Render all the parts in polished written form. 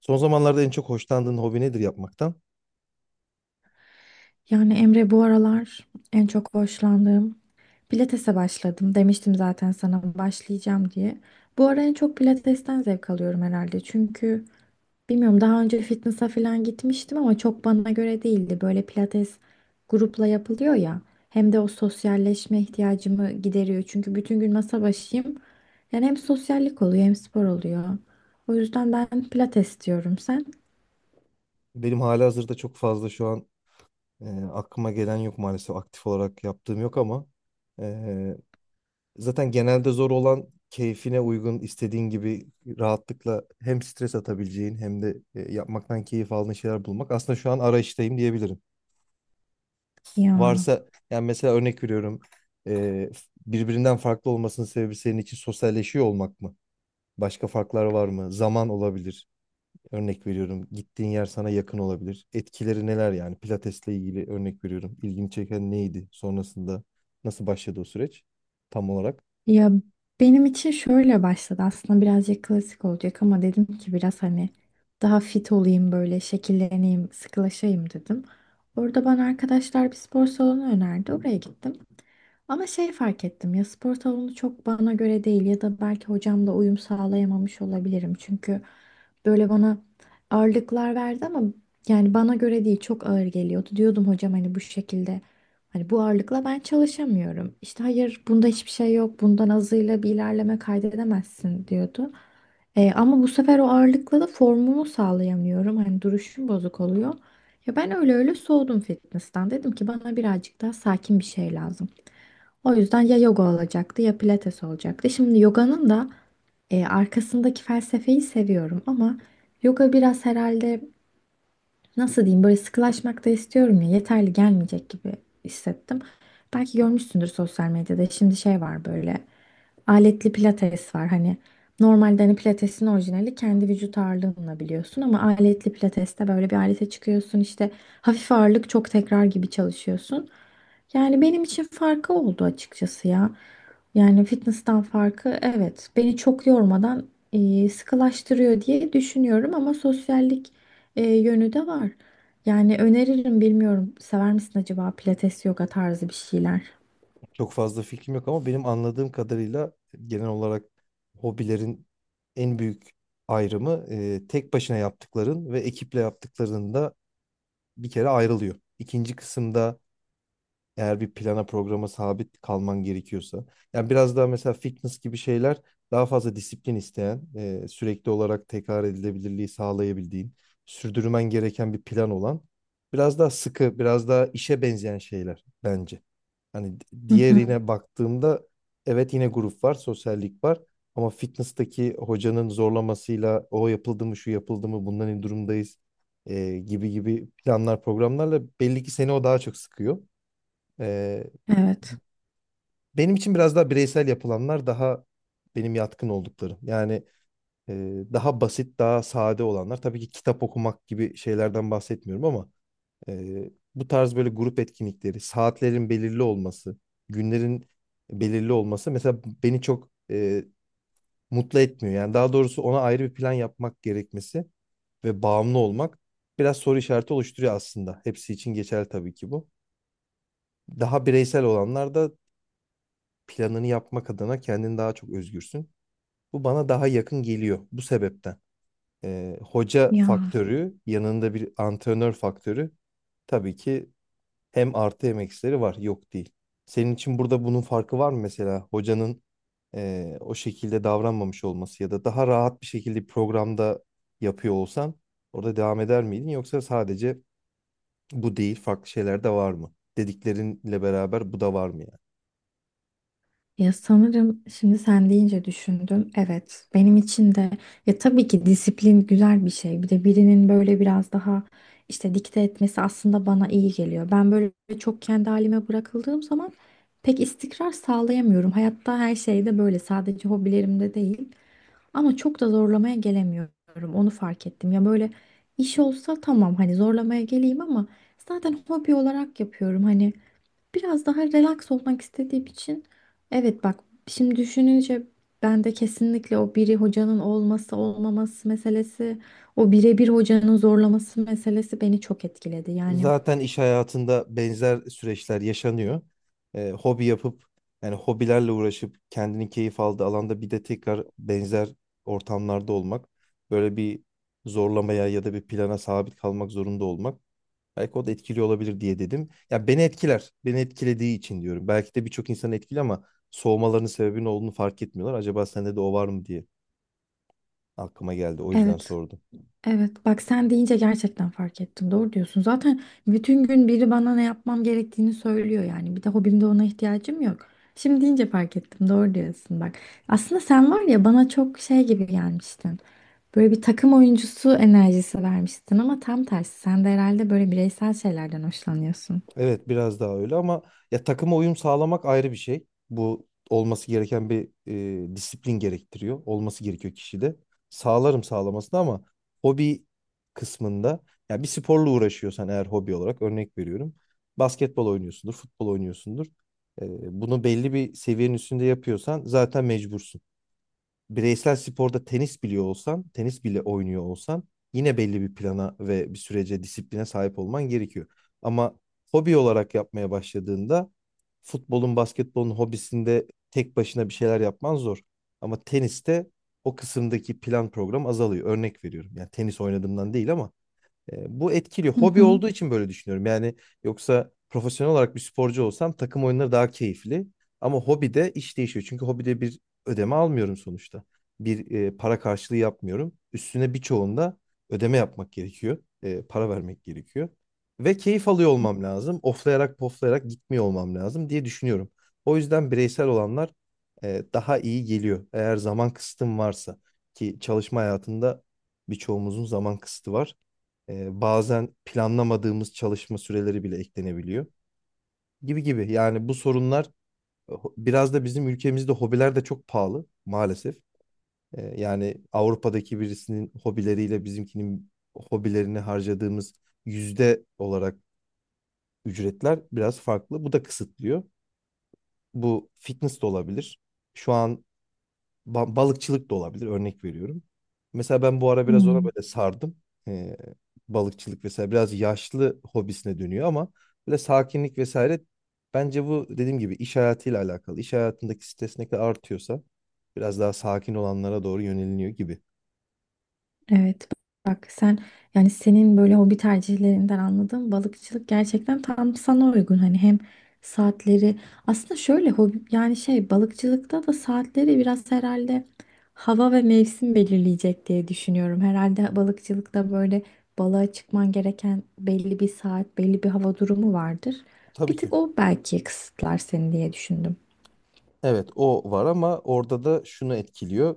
Son zamanlarda en çok hoşlandığın hobi nedir yapmaktan? Yani Emre bu aralar en çok hoşlandığım pilatese başladım. Demiştim zaten sana başlayacağım diye. Bu ara en çok pilatesten zevk alıyorum herhalde. Çünkü bilmiyorum daha önce fitness'a falan gitmiştim ama çok bana göre değildi. Böyle pilates grupla yapılıyor ya. Hem de o sosyalleşme ihtiyacımı gideriyor. Çünkü bütün gün masa başıyım. Yani hem sosyallik oluyor hem spor oluyor. O yüzden ben pilates diyorum sen. Benim halihazırda çok fazla şu an e, aklıma gelen yok maalesef aktif olarak yaptığım yok ama e, zaten genelde zor olan keyfine uygun istediğin gibi rahatlıkla hem stres atabileceğin hem de yapmaktan keyif aldığın şeyler bulmak. Aslında şu an arayıştayım diyebilirim. Ya. Varsa yani mesela örnek veriyorum, e, birbirinden farklı olmasının sebebi senin için sosyalleşiyor olmak mı? Başka farklar var mı? Zaman olabilir. Örnek veriyorum, gittiğin yer sana yakın olabilir. Etkileri neler yani? Pilatesle ilgili örnek veriyorum. İlgini çeken neydi? Sonrasında nasıl başladı o süreç? Tam olarak. Ya benim için şöyle başladı aslında birazcık klasik olacak ama dedim ki biraz hani daha fit olayım böyle şekilleneyim sıkılaşayım dedim. Orada bana arkadaşlar bir spor salonu önerdi oraya gittim. Ama şey fark ettim ya spor salonu çok bana göre değil ya da belki hocamla uyum sağlayamamış olabilirim. Çünkü böyle bana ağırlıklar verdi ama yani bana göre değil çok ağır geliyordu. Diyordum hocam hani bu şekilde hani bu ağırlıkla ben çalışamıyorum. İşte hayır bunda hiçbir şey yok bundan azıyla bir ilerleme kaydedemezsin diyordu. Ama bu sefer o ağırlıkla da formumu sağlayamıyorum. Hani duruşum bozuk oluyor. Ya ben öyle öyle soğudum fitness'tan. Dedim ki bana birazcık daha sakin bir şey lazım. O yüzden ya yoga olacaktı ya pilates olacaktı. Şimdi yoganın da arkasındaki felsefeyi seviyorum ama yoga biraz herhalde nasıl diyeyim böyle sıkılaşmak da istiyorum ya yeterli gelmeyecek gibi hissettim. Belki görmüşsündür sosyal medyada şimdi şey var böyle aletli pilates var hani normalde hani pilatesin orijinali kendi vücut ağırlığınla biliyorsun ama aletli pilateste böyle bir alete çıkıyorsun işte hafif ağırlık çok tekrar gibi çalışıyorsun. Yani benim için farkı oldu açıkçası ya. Yani fitness'tan farkı evet beni çok yormadan sıkılaştırıyor diye düşünüyorum ama sosyallik yönü de var. Yani öneririm bilmiyorum. Sever misin acaba pilates yoga tarzı bir şeyler? Çok fazla fikrim yok ama benim anladığım kadarıyla genel olarak hobilerin en büyük ayrımı, tek başına yaptıkların ve ekiple yaptıklarında bir kere ayrılıyor. İkinci kısımda eğer bir plana programa sabit kalman gerekiyorsa. Yani biraz daha mesela fitness gibi şeyler daha fazla disiplin isteyen, sürekli olarak tekrar edilebilirliği sağlayabildiğin, sürdürmen gereken bir plan olan, biraz daha sıkı, biraz daha işe benzeyen şeyler bence. Hani Hı hı. diğerine baktığımda evet yine grup var, sosyallik var. Ama fitness'taki hocanın zorlamasıyla o yapıldı mı, şu yapıldı mı, bundan ne durumdayız, gibi gibi planlar, programlarla belli ki seni o daha çok sıkıyor. E, Evet. benim için biraz daha bireysel yapılanlar daha benim yatkın olduklarım. Yani e, daha basit, daha sade olanlar. Tabii ki kitap okumak gibi şeylerden bahsetmiyorum ama bu tarz böyle grup etkinlikleri, saatlerin belirli olması, günlerin belirli olması mesela beni çok mutlu etmiyor. Yani daha doğrusu ona ayrı bir plan yapmak gerekmesi ve bağımlı olmak biraz soru işareti oluşturuyor aslında. Hepsi için geçerli tabii ki bu. Daha bireysel olanlar da planını yapmak adına kendin daha çok özgürsün. Bu bana daha yakın geliyor bu sebepten. Hoca Ya faktörü, yanında bir antrenör faktörü tabii ki hem artı hem eksileri var. Yok değil. Senin için burada bunun farkı var mı mesela? Hocanın o şekilde davranmamış olması ya da daha rahat bir şekilde programda yapıyor olsan orada devam eder miydin? Yoksa sadece bu değil farklı şeyler de var mı? Dediklerinle beraber bu da var mı? ya sanırım şimdi sen deyince düşündüm. Evet, benim için de ya tabii ki disiplin güzel bir şey. Bir de birinin böyle biraz daha işte dikte etmesi aslında bana iyi geliyor. Ben böyle çok kendi halime bırakıldığım zaman pek istikrar sağlayamıyorum. Hayatta her şeyde böyle sadece hobilerimde değil. Ama çok da zorlamaya gelemiyorum. Onu fark ettim. Ya böyle iş olsa tamam hani zorlamaya geleyim ama zaten hobi olarak yapıyorum. Hani biraz daha relax olmak istediğim için evet bak şimdi düşününce ben de kesinlikle o biri hocanın olması olmaması meselesi, o birebir hocanın zorlaması meselesi beni çok etkiledi. Yani Zaten iş hayatında benzer süreçler yaşanıyor. Hobi yapıp yani hobilerle uğraşıp kendini keyif aldığı alanda bir de tekrar benzer ortamlarda olmak, böyle bir zorlamaya ya da bir plana sabit kalmak zorunda olmak belki o da etkili olabilir diye dedim. Ya beni etkiler, beni etkilediği için diyorum. Belki de birçok insan etkili ama soğumalarının sebebinin olduğunu fark etmiyorlar. Acaba sende de o var mı diye aklıma geldi. O yüzden evet. sordum. Evet, bak sen deyince gerçekten fark ettim. Doğru diyorsun. Zaten bütün gün biri bana ne yapmam gerektiğini söylüyor yani. Bir de hobimde ona ihtiyacım yok. Şimdi deyince fark ettim. Doğru diyorsun bak. Aslında sen var ya bana çok şey gibi gelmiştin. Böyle bir takım oyuncusu enerjisi vermiştin ama tam tersi. Sen de herhalde böyle bireysel şeylerden hoşlanıyorsun. Evet biraz daha öyle ama ya takıma uyum sağlamak ayrı bir şey. Bu olması gereken bir disiplin gerektiriyor. Olması gerekiyor kişide. Sağlarım sağlamasını ama hobi kısmında ya bir sporla uğraşıyorsan eğer hobi olarak örnek veriyorum. Basketbol oynuyorsundur, futbol oynuyorsundur. E, bunu belli bir seviyenin üstünde yapıyorsan zaten mecbursun, bireysel sporda tenis biliyor olsan, tenis bile oynuyor olsan yine belli bir plana ve bir sürece, disipline sahip olman gerekiyor. Ama hobi olarak yapmaya başladığında futbolun, basketbolun hobisinde tek başına bir şeyler yapman zor. Ama teniste o kısımdaki plan program azalıyor. Örnek veriyorum. Yani tenis oynadığımdan değil ama bu etkili. Hı Hobi hı. olduğu için böyle düşünüyorum. Yani yoksa profesyonel olarak bir sporcu olsam takım oyunları daha keyifli. Ama hobide iş değişiyor. Çünkü hobide bir ödeme almıyorum sonuçta. Bir para karşılığı yapmıyorum. Üstüne birçoğunda ödeme yapmak gerekiyor. Para vermek gerekiyor. Ve keyif alıyor olmam lazım. Oflayarak poflayarak gitmiyor olmam lazım diye düşünüyorum. O yüzden bireysel olanlar daha iyi geliyor. Eğer zaman kısıtım varsa ki çalışma hayatında birçoğumuzun zaman kısıtı var. Bazen planlamadığımız çalışma süreleri bile eklenebiliyor gibi gibi. Yani bu sorunlar, biraz da bizim ülkemizde hobiler de çok pahalı maalesef. Yani Avrupa'daki birisinin hobileriyle bizimkinin hobilerini harcadığımız yüzde olarak ücretler biraz farklı. Bu da kısıtlıyor. Bu fitness de olabilir. Şu an balıkçılık da olabilir örnek veriyorum. Mesela ben bu ara biraz ona Hmm. böyle sardım. Ee, balıkçılık vesaire biraz yaşlı hobisine dönüyor ama böyle sakinlik vesaire bence bu dediğim gibi iş hayatıyla alakalı. İş hayatındaki stres ne kadar artıyorsa biraz daha sakin olanlara doğru yöneliniyor gibi. Evet bak sen yani senin böyle hobi tercihlerinden anladığım balıkçılık gerçekten tam sana uygun hani hem saatleri aslında şöyle hobi yani şey balıkçılıkta da saatleri biraz herhalde hava ve mevsim belirleyecek diye düşünüyorum. Herhalde balıkçılıkta böyle balığa çıkman gereken belli bir saat belli bir hava durumu vardır. Tabii Bir ki. tık o belki kısıtlar seni diye düşündüm. Evet o var ama orada da şunu etkiliyor.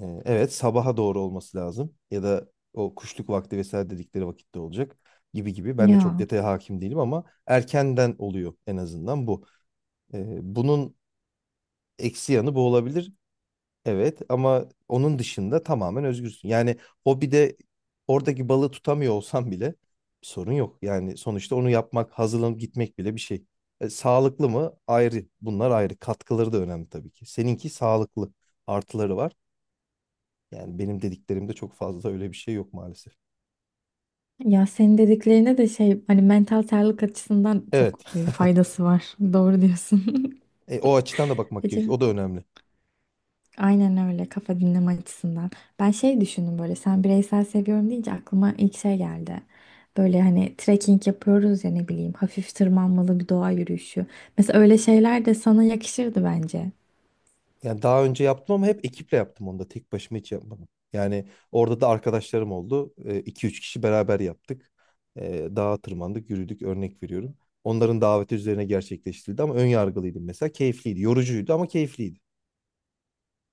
Evet, sabaha doğru olması lazım ya da o kuşluk vakti vesaire dedikleri vakitte olacak gibi gibi. Ben de çok Ya. detaya hakim değilim ama erkenden oluyor en azından bu. Bunun eksi yanı bu olabilir. Evet ama onun dışında tamamen özgürsün. Yani hobide oradaki balığı tutamıyor olsam bile bir sorun yok. Yani sonuçta onu yapmak, hazırlanıp gitmek bile bir şey. Sağlıklı mı? Ayrı. Bunlar ayrı. Katkıları da önemli tabii ki. Seninki sağlıklı. Artıları var. Yani benim dediklerimde çok fazla öyle bir şey yok maalesef. Ya senin dediklerine de şey hani mental sağlık açısından Evet. çok faydası var. Doğru diyorsun. O açıdan da bakmak Acı. gerekiyor. O da önemli. Aynen öyle kafa dinleme açısından. Ben şey düşündüm böyle sen bireysel seviyorum deyince aklıma ilk şey geldi. Böyle hani trekking yapıyoruz ya ne bileyim hafif tırmanmalı bir doğa yürüyüşü. Mesela öyle şeyler de sana yakışırdı bence. Yani daha önce yaptım ama hep ekiple yaptım onu da. Tek başıma hiç yapmadım. Yani orada da arkadaşlarım oldu. iki üç kişi beraber yaptık. Dağa tırmandık, yürüdük. Örnek veriyorum. Onların daveti üzerine gerçekleştirildi ama ön yargılıydım mesela. Keyifliydi. Yorucuydu ama keyifliydi.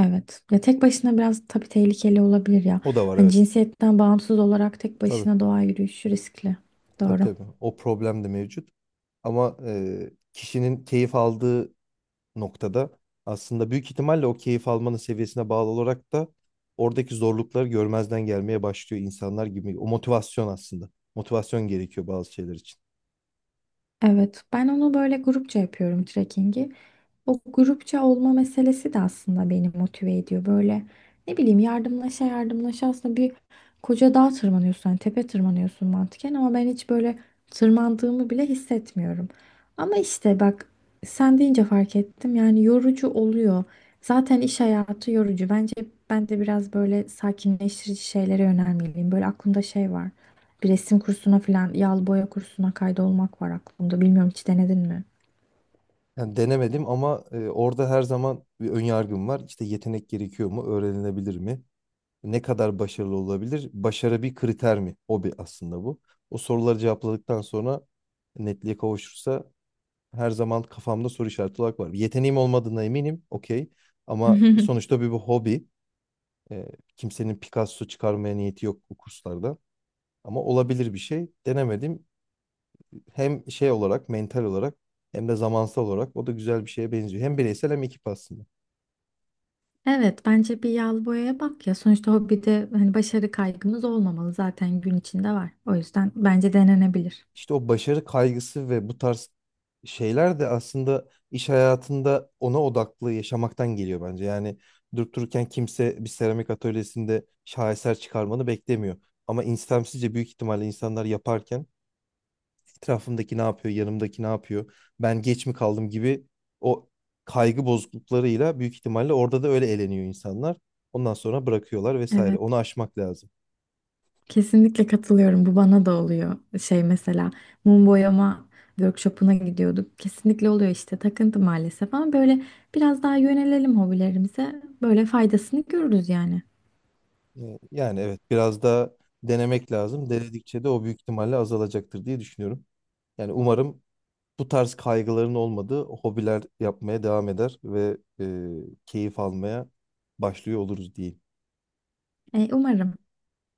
Evet. Ya tek başına biraz tabii tehlikeli olabilir ya. O da var Hani evet. cinsiyetten bağımsız olarak tek Tabii. başına doğa yürüyüşü riskli. Tabii Doğru. tabii. O problem de mevcut. Ama kişinin keyif aldığı noktada aslında büyük ihtimalle o keyif almanın seviyesine bağlı olarak da oradaki zorlukları görmezden gelmeye başlıyor insanlar gibi. O motivasyon aslında. Motivasyon gerekiyor bazı şeyler için. Evet, ben onu böyle grupça yapıyorum trekkingi. O grupça olma meselesi de aslında beni motive ediyor. Böyle ne bileyim yardımlaşa yardımlaşa aslında bir koca dağ tırmanıyorsun. Hani tepe tırmanıyorsun mantıken ama ben hiç böyle tırmandığımı bile hissetmiyorum. Ama işte bak sen deyince fark ettim yani yorucu oluyor. Zaten iş hayatı yorucu. Bence ben de biraz böyle sakinleştirici şeylere yönelmeliyim. Böyle aklımda şey var. Bir resim kursuna falan yağlı boya kursuna kaydolmak var aklımda. Bilmiyorum hiç denedin mi? Yani denemedim ama orada her zaman bir ön yargım var. İşte yetenek gerekiyor mu? Öğrenilebilir mi? Ne kadar başarılı olabilir? Başarı bir kriter mi? Hobi aslında bu. O soruları cevapladıktan sonra netliğe kavuşursa her zaman kafamda soru işareti olarak var. Yeteneğim olmadığına eminim. Okey. Ama sonuçta bir hobi. E, kimsenin Picasso çıkarmaya niyeti yok bu kurslarda. Ama olabilir bir şey. Denemedim. Hem şey olarak, mental olarak hem de zamansal olarak o da güzel bir şeye benziyor. Hem bireysel hem ekip aslında. Evet, bence bir yağlı boyaya bak ya. Sonuçta hobide hani başarı kaygımız olmamalı zaten gün içinde var. O yüzden bence denenebilir. İşte o başarı kaygısı ve bu tarz şeyler de aslında iş hayatında ona odaklı yaşamaktan geliyor bence. Yani durup dururken kimse bir seramik atölyesinde şaheser çıkarmanı beklemiyor. Ama istemsizce büyük ihtimalle insanlar yaparken etrafımdaki ne yapıyor, yanımdaki ne yapıyor, ben geç mi kaldım gibi o kaygı bozukluklarıyla büyük ihtimalle orada da öyle eğleniyor insanlar. Ondan sonra bırakıyorlar vesaire. Onu Evet, aşmak lazım. kesinlikle katılıyorum. Bu bana da oluyor. Şey mesela mum boyama workshopuna gidiyorduk. Kesinlikle oluyor işte takıntı maalesef ama böyle biraz daha yönelelim hobilerimize. Böyle faydasını görürüz yani. Yani evet biraz da denemek lazım. Denedikçe de o büyük ihtimalle azalacaktır diye düşünüyorum. Yani umarım bu tarz kaygıların olmadığı hobiler yapmaya devam eder ve keyif almaya başlıyor oluruz diyeyim. Umarım.